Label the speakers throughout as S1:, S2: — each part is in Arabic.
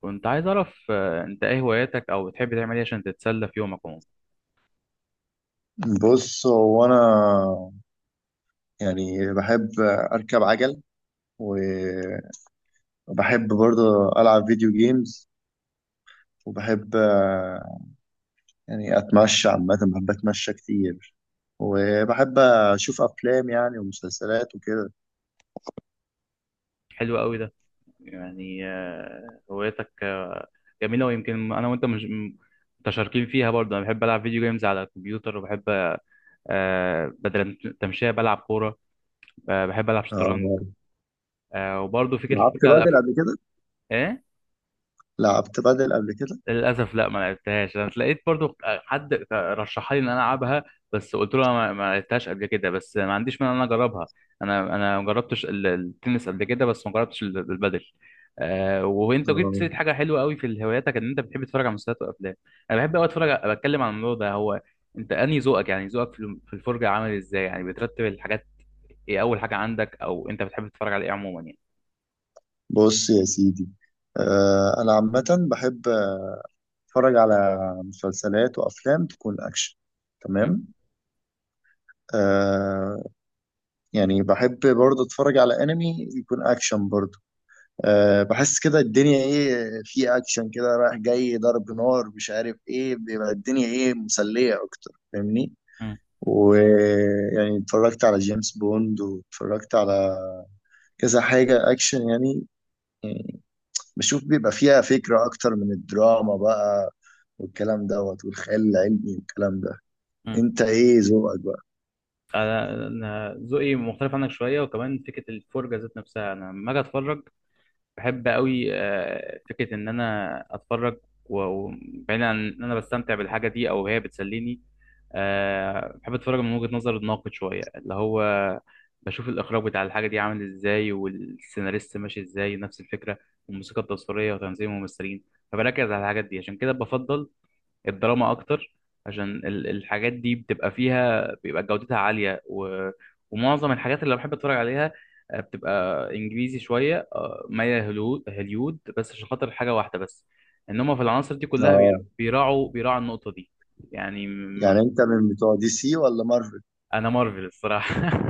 S1: كنت عايز اعرف انت ايه هواياتك او بتحب تعمل ايه عشان تتسلى في يومك عموما؟
S2: بص هو انا، يعني بحب اركب عجل، وبحب برضه العب فيديو جيمز، وبحب، يعني اتمشى. عامه بحب اتمشى كتير، وبحب اشوف افلام يعني ومسلسلات وكده.
S1: حلو قوي ده. يعني هواياتك جميله. ويمكن انا وانت مش متشاركين فيها برضه. انا بحب العب فيديو جيمز على الكمبيوتر، وبحب بدل التمشيه بلعب كوره. بحب العب شطرنج.
S2: آه،
S1: وبرضه فكره
S2: لعبت
S1: الفرجه على
S2: بدل
S1: الافلام.
S2: قبل كده؟
S1: ايه؟
S2: لعبت بدل قبل كده.
S1: للاسف لا، ما لعبتهاش. انا اتلاقيت برضو حد رشحها لي ان انا العبها، بس قلت له أنا ما لعبتهاش قبل كده، بس ما عنديش مانع ان انا اجربها. انا ما جربتش التنس قبل كده، بس ما جربتش البادل. وانت جبت
S2: آه،
S1: سيره حاجه حلوه قوي في هواياتك، ان انت بتحب تتفرج على مسلسلات وافلام. انا بحب قوي اتفرج بتكلم عن الموضوع ده. هو انت انهي ذوقك؟ يعني ذوقك في في الفرجه عامل ازاي؟ يعني بترتب الحاجات، ايه اول حاجه عندك؟ او انت بتحب تتفرج على ايه عموما يعني؟
S2: بص يا سيدي، انا عامه بحب اتفرج على مسلسلات وافلام تكون اكشن، تمام. آه، يعني بحب برضه اتفرج على انمي يكون اكشن برضه. أه، بحس كده الدنيا ايه في اكشن كده، رايح جاي ضرب نار مش عارف ايه، بيبقى الدنيا ايه مسلية اكتر، فاهمني؟
S1: م-
S2: ويعني اتفرجت على جيمس بوند، واتفرجت على كذا حاجة اكشن يعني. يعني بشوف بيبقى فيها فكرة اكتر من الدراما بقى، والكلام دوت والخيال العلمي والكلام ده.
S1: م-
S2: انت ايه ذوقك بقى؟
S1: انا ذوقي مختلف عنك شويه، وكمان فكره الفرجه ذات نفسها. انا لما اجي اتفرج بحب قوي فكره ان انا اتفرج، و- وبعيد عن ان انا بستمتع بالحاجه دي او هي بتسليني، بحب اتفرج من وجهه نظر الناقد شويه، اللي هو بشوف الاخراج بتاع الحاجه دي عامل ازاي، والسيناريست ماشي ازاي، نفس الفكره والموسيقى التصويريه وتنظيم الممثلين. فبركز على الحاجات دي، عشان كده بفضل الدراما اكتر، عشان الحاجات دي بتبقى فيها، بيبقى جودتها عالية. و... ومعظم الحاجات اللي بحب اتفرج عليها بتبقى انجليزي شوية، مايلة هوليود، بس عشان خاطر حاجة واحدة بس، ان هم في العناصر دي كلها
S2: اه،
S1: بيراعوا النقطة دي. يعني
S2: يعني انت من بتوع دي سي ولا مارفل؟
S1: انا مارفل الصراحة.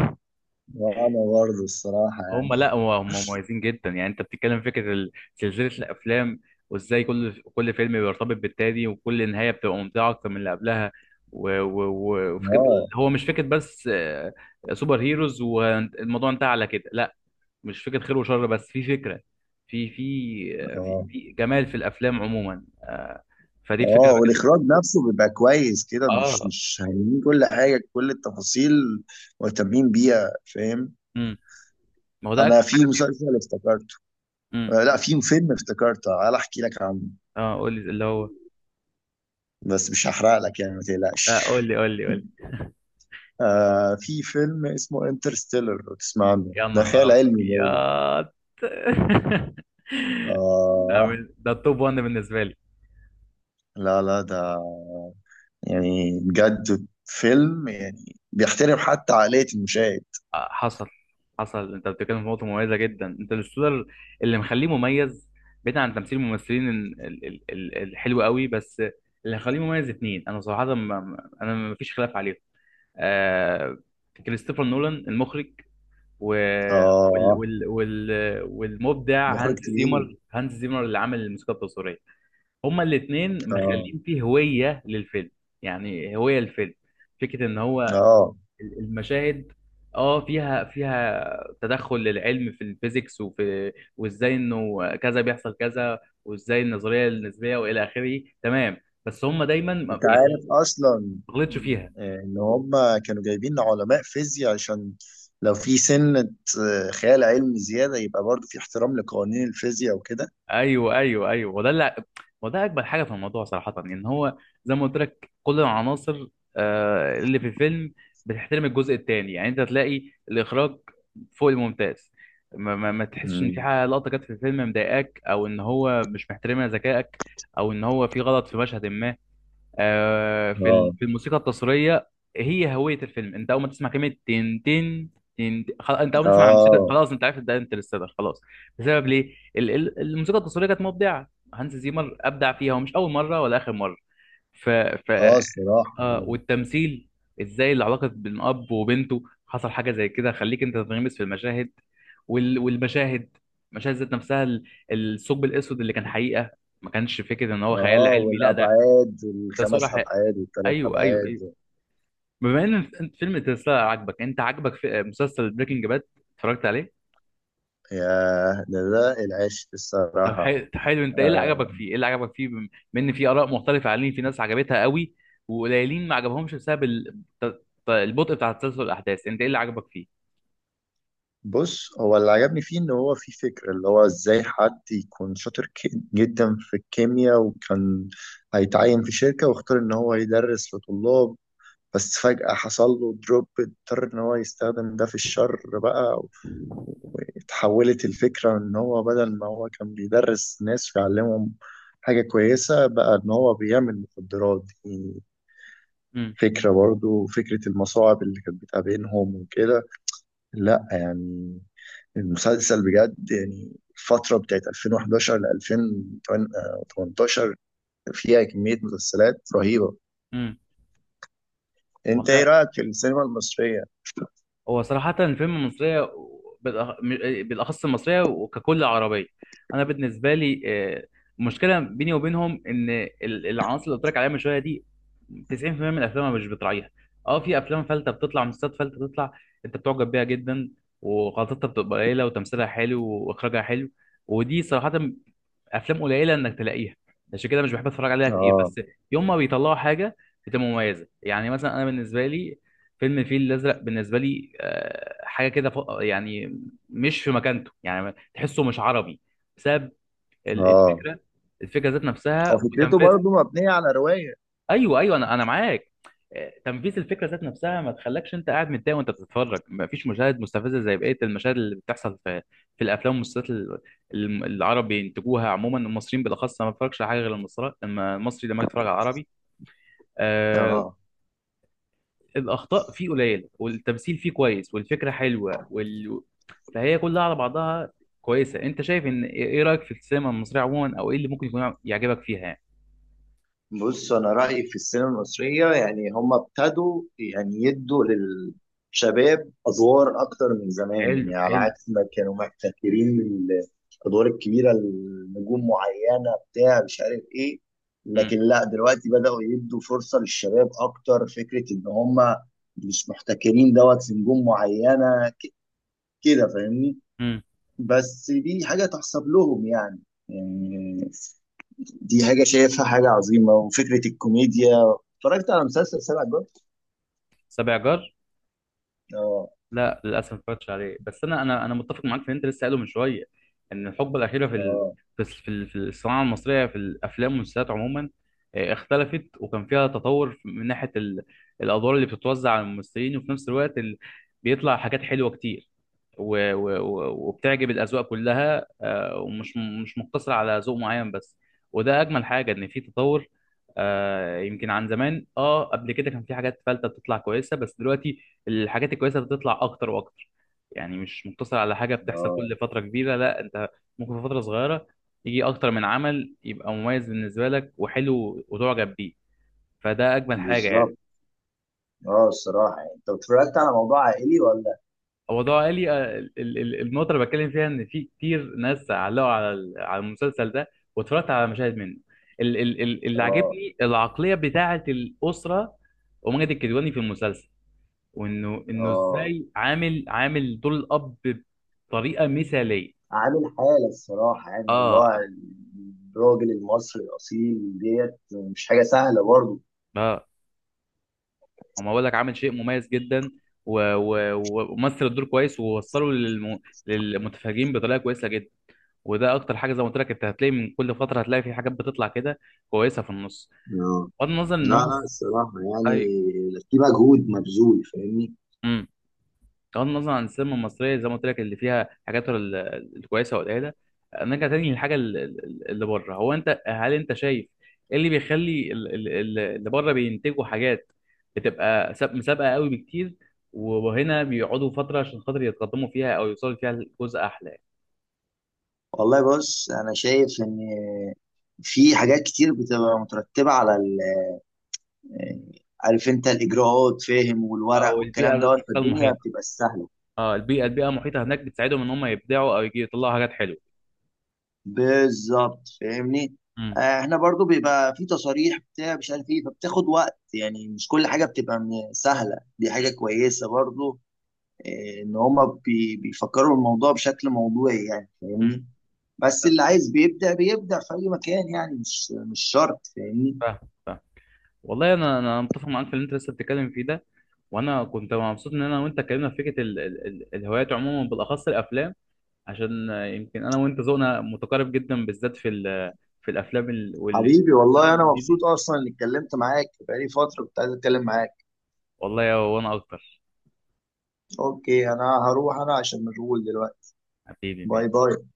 S2: وانا برضه الصراحة
S1: لا،
S2: يعني.
S1: هم مميزين جدا. يعني انت بتتكلم فكره سلسله الافلام، وازاي كل فيلم بيرتبط بالتاني، وكل نهايه بتبقى ممتعه اكتر من اللي قبلها، و- و- و- وفكره،
S2: اه،
S1: هو مش فكره بس سوبر هيروز والموضوع انتهى على كده، لا. مش فكره خير وشر بس، في فكره، في في آه، في,
S2: اه،
S1: في جمال في الافلام عموما. فدي الفكره
S2: اه،
S1: اللي بكلم.
S2: والاخراج نفسه بيبقى كويس كده، مش
S1: اه.
S2: مش هايلين كل حاجة، كل التفاصيل مهتمين بيها، فاهم؟
S1: امم. ما هو ده
S2: انا
S1: اجمل
S2: في
S1: حاجه فيه.
S2: مسلسل افتكرته.
S1: امم.
S2: لا في فيلم افتكرته، تعال احكي لك عنه.
S1: اه، قول لي اللي هو.
S2: بس مش هحرق لك يعني، ما
S1: اه،
S2: تقلقش.
S1: قول لي، قول لي، قول لي.
S2: آه، في فيلم اسمه انترستيلر، لو تسمع عنه،
S1: يا
S2: ده
S1: نهار
S2: خيال
S1: ابيض!
S2: علمي ده.
S1: ده
S2: اه،
S1: من- ده التوب 1 بالنسبه لي.
S2: لا لا ده يعني بجد فيلم، يعني بيحترم حتى عقلية المشاهد.
S1: حصل، انت بتتكلم في نقطه مميزه جدا، انت الستودر اللي مخليه مميز، بعيد عن تمثيل الممثلين الحلو قوي. بس اللي مخليه مميز اتنين، انا صراحه انا ما فيش خلاف عليهم. آه كريستوفر نولان المخرج، و وال
S2: اه،
S1: وال وال والمبدع
S2: مخرج
S1: هانس
S2: تقيل.
S1: زيمر، اللي عامل الموسيقى التصويريه. هما الاثنين
S2: اه،
S1: مخلين فيه هوية للفيلم، يعني هوية الفيلم. فكرة ان هو
S2: اه،
S1: المشاهد، اه، فيها تدخل للعلم في الفيزيكس، وفي وازاي انه كذا بيحصل كذا، وازاي النظرية النسبية والى اخره. تمام. بس هما دايما
S2: انت
S1: يعني
S2: عارف اصلا
S1: ما غلطش فيها.
S2: ان هم كانوا جايبين علماء فيزياء، عشان لو في سنة خيال علمي زيادة، يبقى برضو في احترام لقوانين الفيزياء وكده.
S1: ايوه، ايوه، ايوه، وده اكبر حاجه في الموضوع صراحه. ان هو زي ما قلت لك، كل العناصر اللي في الفيلم بتحترم الجزء التاني. يعني انت تلاقي الاخراج فوق الممتاز. ما تحسش ان في
S2: مم.
S1: حاجه، لقطه جت في الفيلم مضايقاك، او ان هو مش محترمها ذكائك، او ان هو في غلط في مشهد ما. في
S2: اه،
S1: في الموسيقى التصويريه، هي هويه الفيلم. انت اول ما تسمع كلمه تن تن تن تن- خلاص، انت اول ما تسمع الموسيقى
S2: اه،
S1: خلاص، انت عارف ده انترستيلر، خلاص. بسبب ليه؟ الموسيقى التصويريه كانت مبدعه. هانز زيمر ابدع فيها ومش اول مره ولا اخر مره. ف ف
S2: اه، الصراحة
S1: آه
S2: يعني.
S1: والتمثيل، ازاي العلاقه بين اب وبنته حصل حاجه زي كده، خليك انت تنغمس في المشاهد. وال... والمشاهد، المشاهد ذات نفسها، الثقب الاسود اللي كان حقيقه، ما كانش فكره ان هو خيال
S2: اه،
S1: علمي، لا، ده
S2: والابعاد
S1: ده
S2: الخمس
S1: صوره.
S2: ابعاد والثلاث
S1: ايوه، ايوه، ايوه.
S2: ابعاد.
S1: بما ان انت فيلم تسلا عجبك، انت عجبك في مسلسل بريكنج باد؟ اتفرجت عليه؟
S2: يا ده العشق
S1: طب
S2: الصراحة.
S1: حلو. انت ايه اللي
S2: آه.
S1: عجبك فيه؟ بما ان في اراء مختلفه عليه، في ناس عجبتها قوي، وقليلين ما عجبهمش بسبب البطء بتاع تسلسل الاحداث. انت ايه اللي عجبك فيه؟
S2: بص هو اللي عجبني فيه ان هو في فكرة، اللي هو ازاي حد يكون شاطر جدا في الكيمياء، وكان هيتعين في شركة، واختار ان هو يدرس لطلاب، بس فجأة حصل له دروب، اضطر ان هو يستخدم ده في الشر بقى. اتحولت الفكرة ان هو بدل ما هو كان بيدرس ناس ويعلمهم حاجة كويسة، بقى ان هو بيعمل مخدرات دي.
S1: امم.
S2: فكرة برضو فكرة المصاعب اللي كانت بتقابلهم وكده. لا يعني، المسلسل بجد يعني، الفترة بتاعت 2011 ل 2018 فيها كمية مسلسلات رهيبة.
S1: امم.
S2: انت ايه رأيك في السينما المصرية؟
S1: هو صراحة الفيلم المصرية، بالأخص المصرية، وككل عربية، أنا بالنسبة لي المشكلة بيني وبينهم إن العناصر اللي قلت لك عليها من شوية دي، 90% من الأفلام أنا مش بتراعيها. أه، في أفلام فلتة بتطلع، مسلسلات فلتة بتطلع، أنت بتعجب بيها جدا، وغلطتها بتبقى قليلة، وتمثيلها حلو، وإخراجها حلو. ودي صراحة افلام قليله انك تلاقيها، عشان كده مش بحب اتفرج عليها كتير،
S2: اه.
S1: بس يوم ما بيطلعوا حاجه بتبقى مميزه. يعني مثلا انا بالنسبه لي، فيلم الفيل الازرق بالنسبه لي حاجه كده يعني مش في مكانته، يعني تحسه مش عربي، بسبب ال-
S2: اه،
S1: الفكره الفكره ذات
S2: هو
S1: نفسها
S2: فكرته
S1: وتنفيذها.
S2: برضه مبنية على رواية.
S1: ايوه، ايوه، انا معاك. تنفيذ الفكره ذات نفسها ما تخلكش انت قاعد متضايق وانت بتتفرج. ما فيش مشاهد مستفزه زي بقيه المشاهد اللي بتحصل في الافلام والمسلسلات العرب بينتجوها عموما، المصريين بالاخص. أنا ما بتفرجش على حاجه غير المصري، لما المصري، لما اتفرج على العربي، آه
S2: اه،
S1: الاخطاء فيه قليله، والتمثيل فيه كويس، والفكره حلوه، فهي كلها على بعضها كويسه. انت شايف ان ايه إيه رايك في السينما المصريه عموما؟ او ايه اللي ممكن يكون يعجبك فيها يعني؟
S2: بص انا رايي في السينما المصريه، يعني هم ابتدوا يعني يدوا للشباب ادوار اكتر من زمان،
S1: حلو،
S2: يعني على
S1: حلو.
S2: عكس ما كانوا محتكرين الادوار الكبيره لنجوم معينه بتاع مش عارف ايه.
S1: امم.
S2: لكن لا دلوقتي بداوا يدوا فرصه للشباب اكتر، فكره ان هم مش محتكرين دوت في نجوم معينه كده، فاهمني؟
S1: امم.
S2: بس دي حاجة تحسب لهم يعني، يعني دي حاجة شايفها حاجة عظيمة. وفكرة الكوميديا، اتفرجت على مسلسل سبع جوت؟
S1: سبع جار؟
S2: اه.
S1: لا، للاسف ما اتفرجتش عليه، بس انا متفق معاك في اللي انت لسه قايله من شويه، ان الحقبه الاخيره في ال...
S2: اه.
S1: في الس- في ال- في الصناعه المصريه، في الافلام والمسلسلات عموما، اختلفت، وكان فيها تطور من ناحيه الادوار اللي بتتوزع على الممثلين، وفي نفس الوقت بيطلع حاجات حلوه كتير، و... و... و- وبتعجب الاذواق كلها، ومش مش مقتصره على ذوق معين بس. وده اجمل حاجه، ان في تطور. يمكن عن زمان، قبل كده كان في حاجات فلتة بتطلع كويسة، بس دلوقتي الحاجات الكويسه بتطلع اكتر واكتر. يعني مش مقتصر على حاجه بتحصل
S2: اه،
S1: كل فتره كبيره، لا، انت ممكن في فتره صغيره يجي اكتر من عمل يبقى مميز بالنسبه لك وحلو وتعجب بيه. فده اجمل حاجه يعني.
S2: بالظبط. اه الصراحة يعني، انت اتفرجت على موضوع عائلي ولا؟
S1: هو ده قالي النقطه اللي بتكلم فيها، ان في كتير ناس علقوا على المسلسل ده، واتفرجت على مشاهد منه. اللي
S2: اه.
S1: عاجبني العقليه بتاعه الاسره، وماجد الكدواني في المسلسل، وانه
S2: اه،
S1: ازاي عامل دور الاب بطريقه مثاليه.
S2: عامل حالة الصراحة يعني، اللي
S1: اه.
S2: هو الراجل المصري الأصيل ديت، مش حاجة سهلة برضه.
S1: اه. هم بقول لك، عامل شيء مميز جدا، و- و- و- ومثل الدور كويس، ووصله للمتفرجين بطريقه كويسه جدا. وده اكتر حاجه، زي ما قلت لك، انت هتلاقي من كل فتره، هتلاقي في حاجات بتطلع كده كويسه في النص،
S2: اه،
S1: بغض النظر ان
S2: لا
S1: هو.
S2: لا الصراحة يعني،
S1: ايوه.
S2: في مجهود مبذول، فاهمني؟
S1: بغض النظر عن السينما المصريه، زي ما قلت لك، اللي فيها حاجات الكويسه والقليله، نرجع تاني للحاجه اللي بره. هو هل انت شايف ايه اللي بيخلي اللي بره بينتجوا حاجات بتبقى مسابقه قوي بكتير، وهنا بيقعدوا فتره عشان خاطر يتقدموا فيها او يوصلوا فيها لجزء احلى؟
S2: والله بص انا شايف ان في حاجات كتير بتبقى مترتبه على ال... عارف انت الاجراءات فاهم، والورق
S1: او البيئه
S2: والكلام
S1: ذات
S2: دوت،
S1: نفسها
S2: فالدنيا
S1: المحيطه؟
S2: بتبقى سهله.
S1: اه، البيئه المحيطه هناك بتساعدهم ان هم يبدعوا او يجي يطلعوا حاجات حلوه.
S2: بالظبط فاهمني.
S1: امم.
S2: احنا برضو بيبقى في تصاريح بتاع مش عارف ايه، فبتاخد وقت يعني، مش كل حاجه بتبقى سهله، دي حاجه كويسه برضو. ان هما بيفكروا الموضوع بشكل موضوعي يعني،
S1: امم.
S2: فاهمني؟ بس
S1: فاهم.
S2: اللي عايز بيبدأ بيبدأ في اي مكان يعني، مش شرط، فاهمني؟
S1: فاهم. والله انا متفق معاك في اللي انت لسه بتتكلم فيه ده. وانا كنت مبسوط ان انا وانت اتكلمنا في فكره ال ال ال الهوايات عموما، بالاخص الافلام، عشان يمكن انا وانت ذوقنا متقارب جدا، بالذات في في الافلام والانتاج
S2: حبيبي والله انا
S1: الانجليزي.
S2: مبسوط اصلا اني اتكلمت معاك، بقالي فتره كنت عايز اتكلم معاك.
S1: والله وانا اكتر.
S2: اوكي انا هروح انا عشان مشغول دلوقتي.
S1: حبيبي
S2: باي
S1: ماشي.
S2: باي.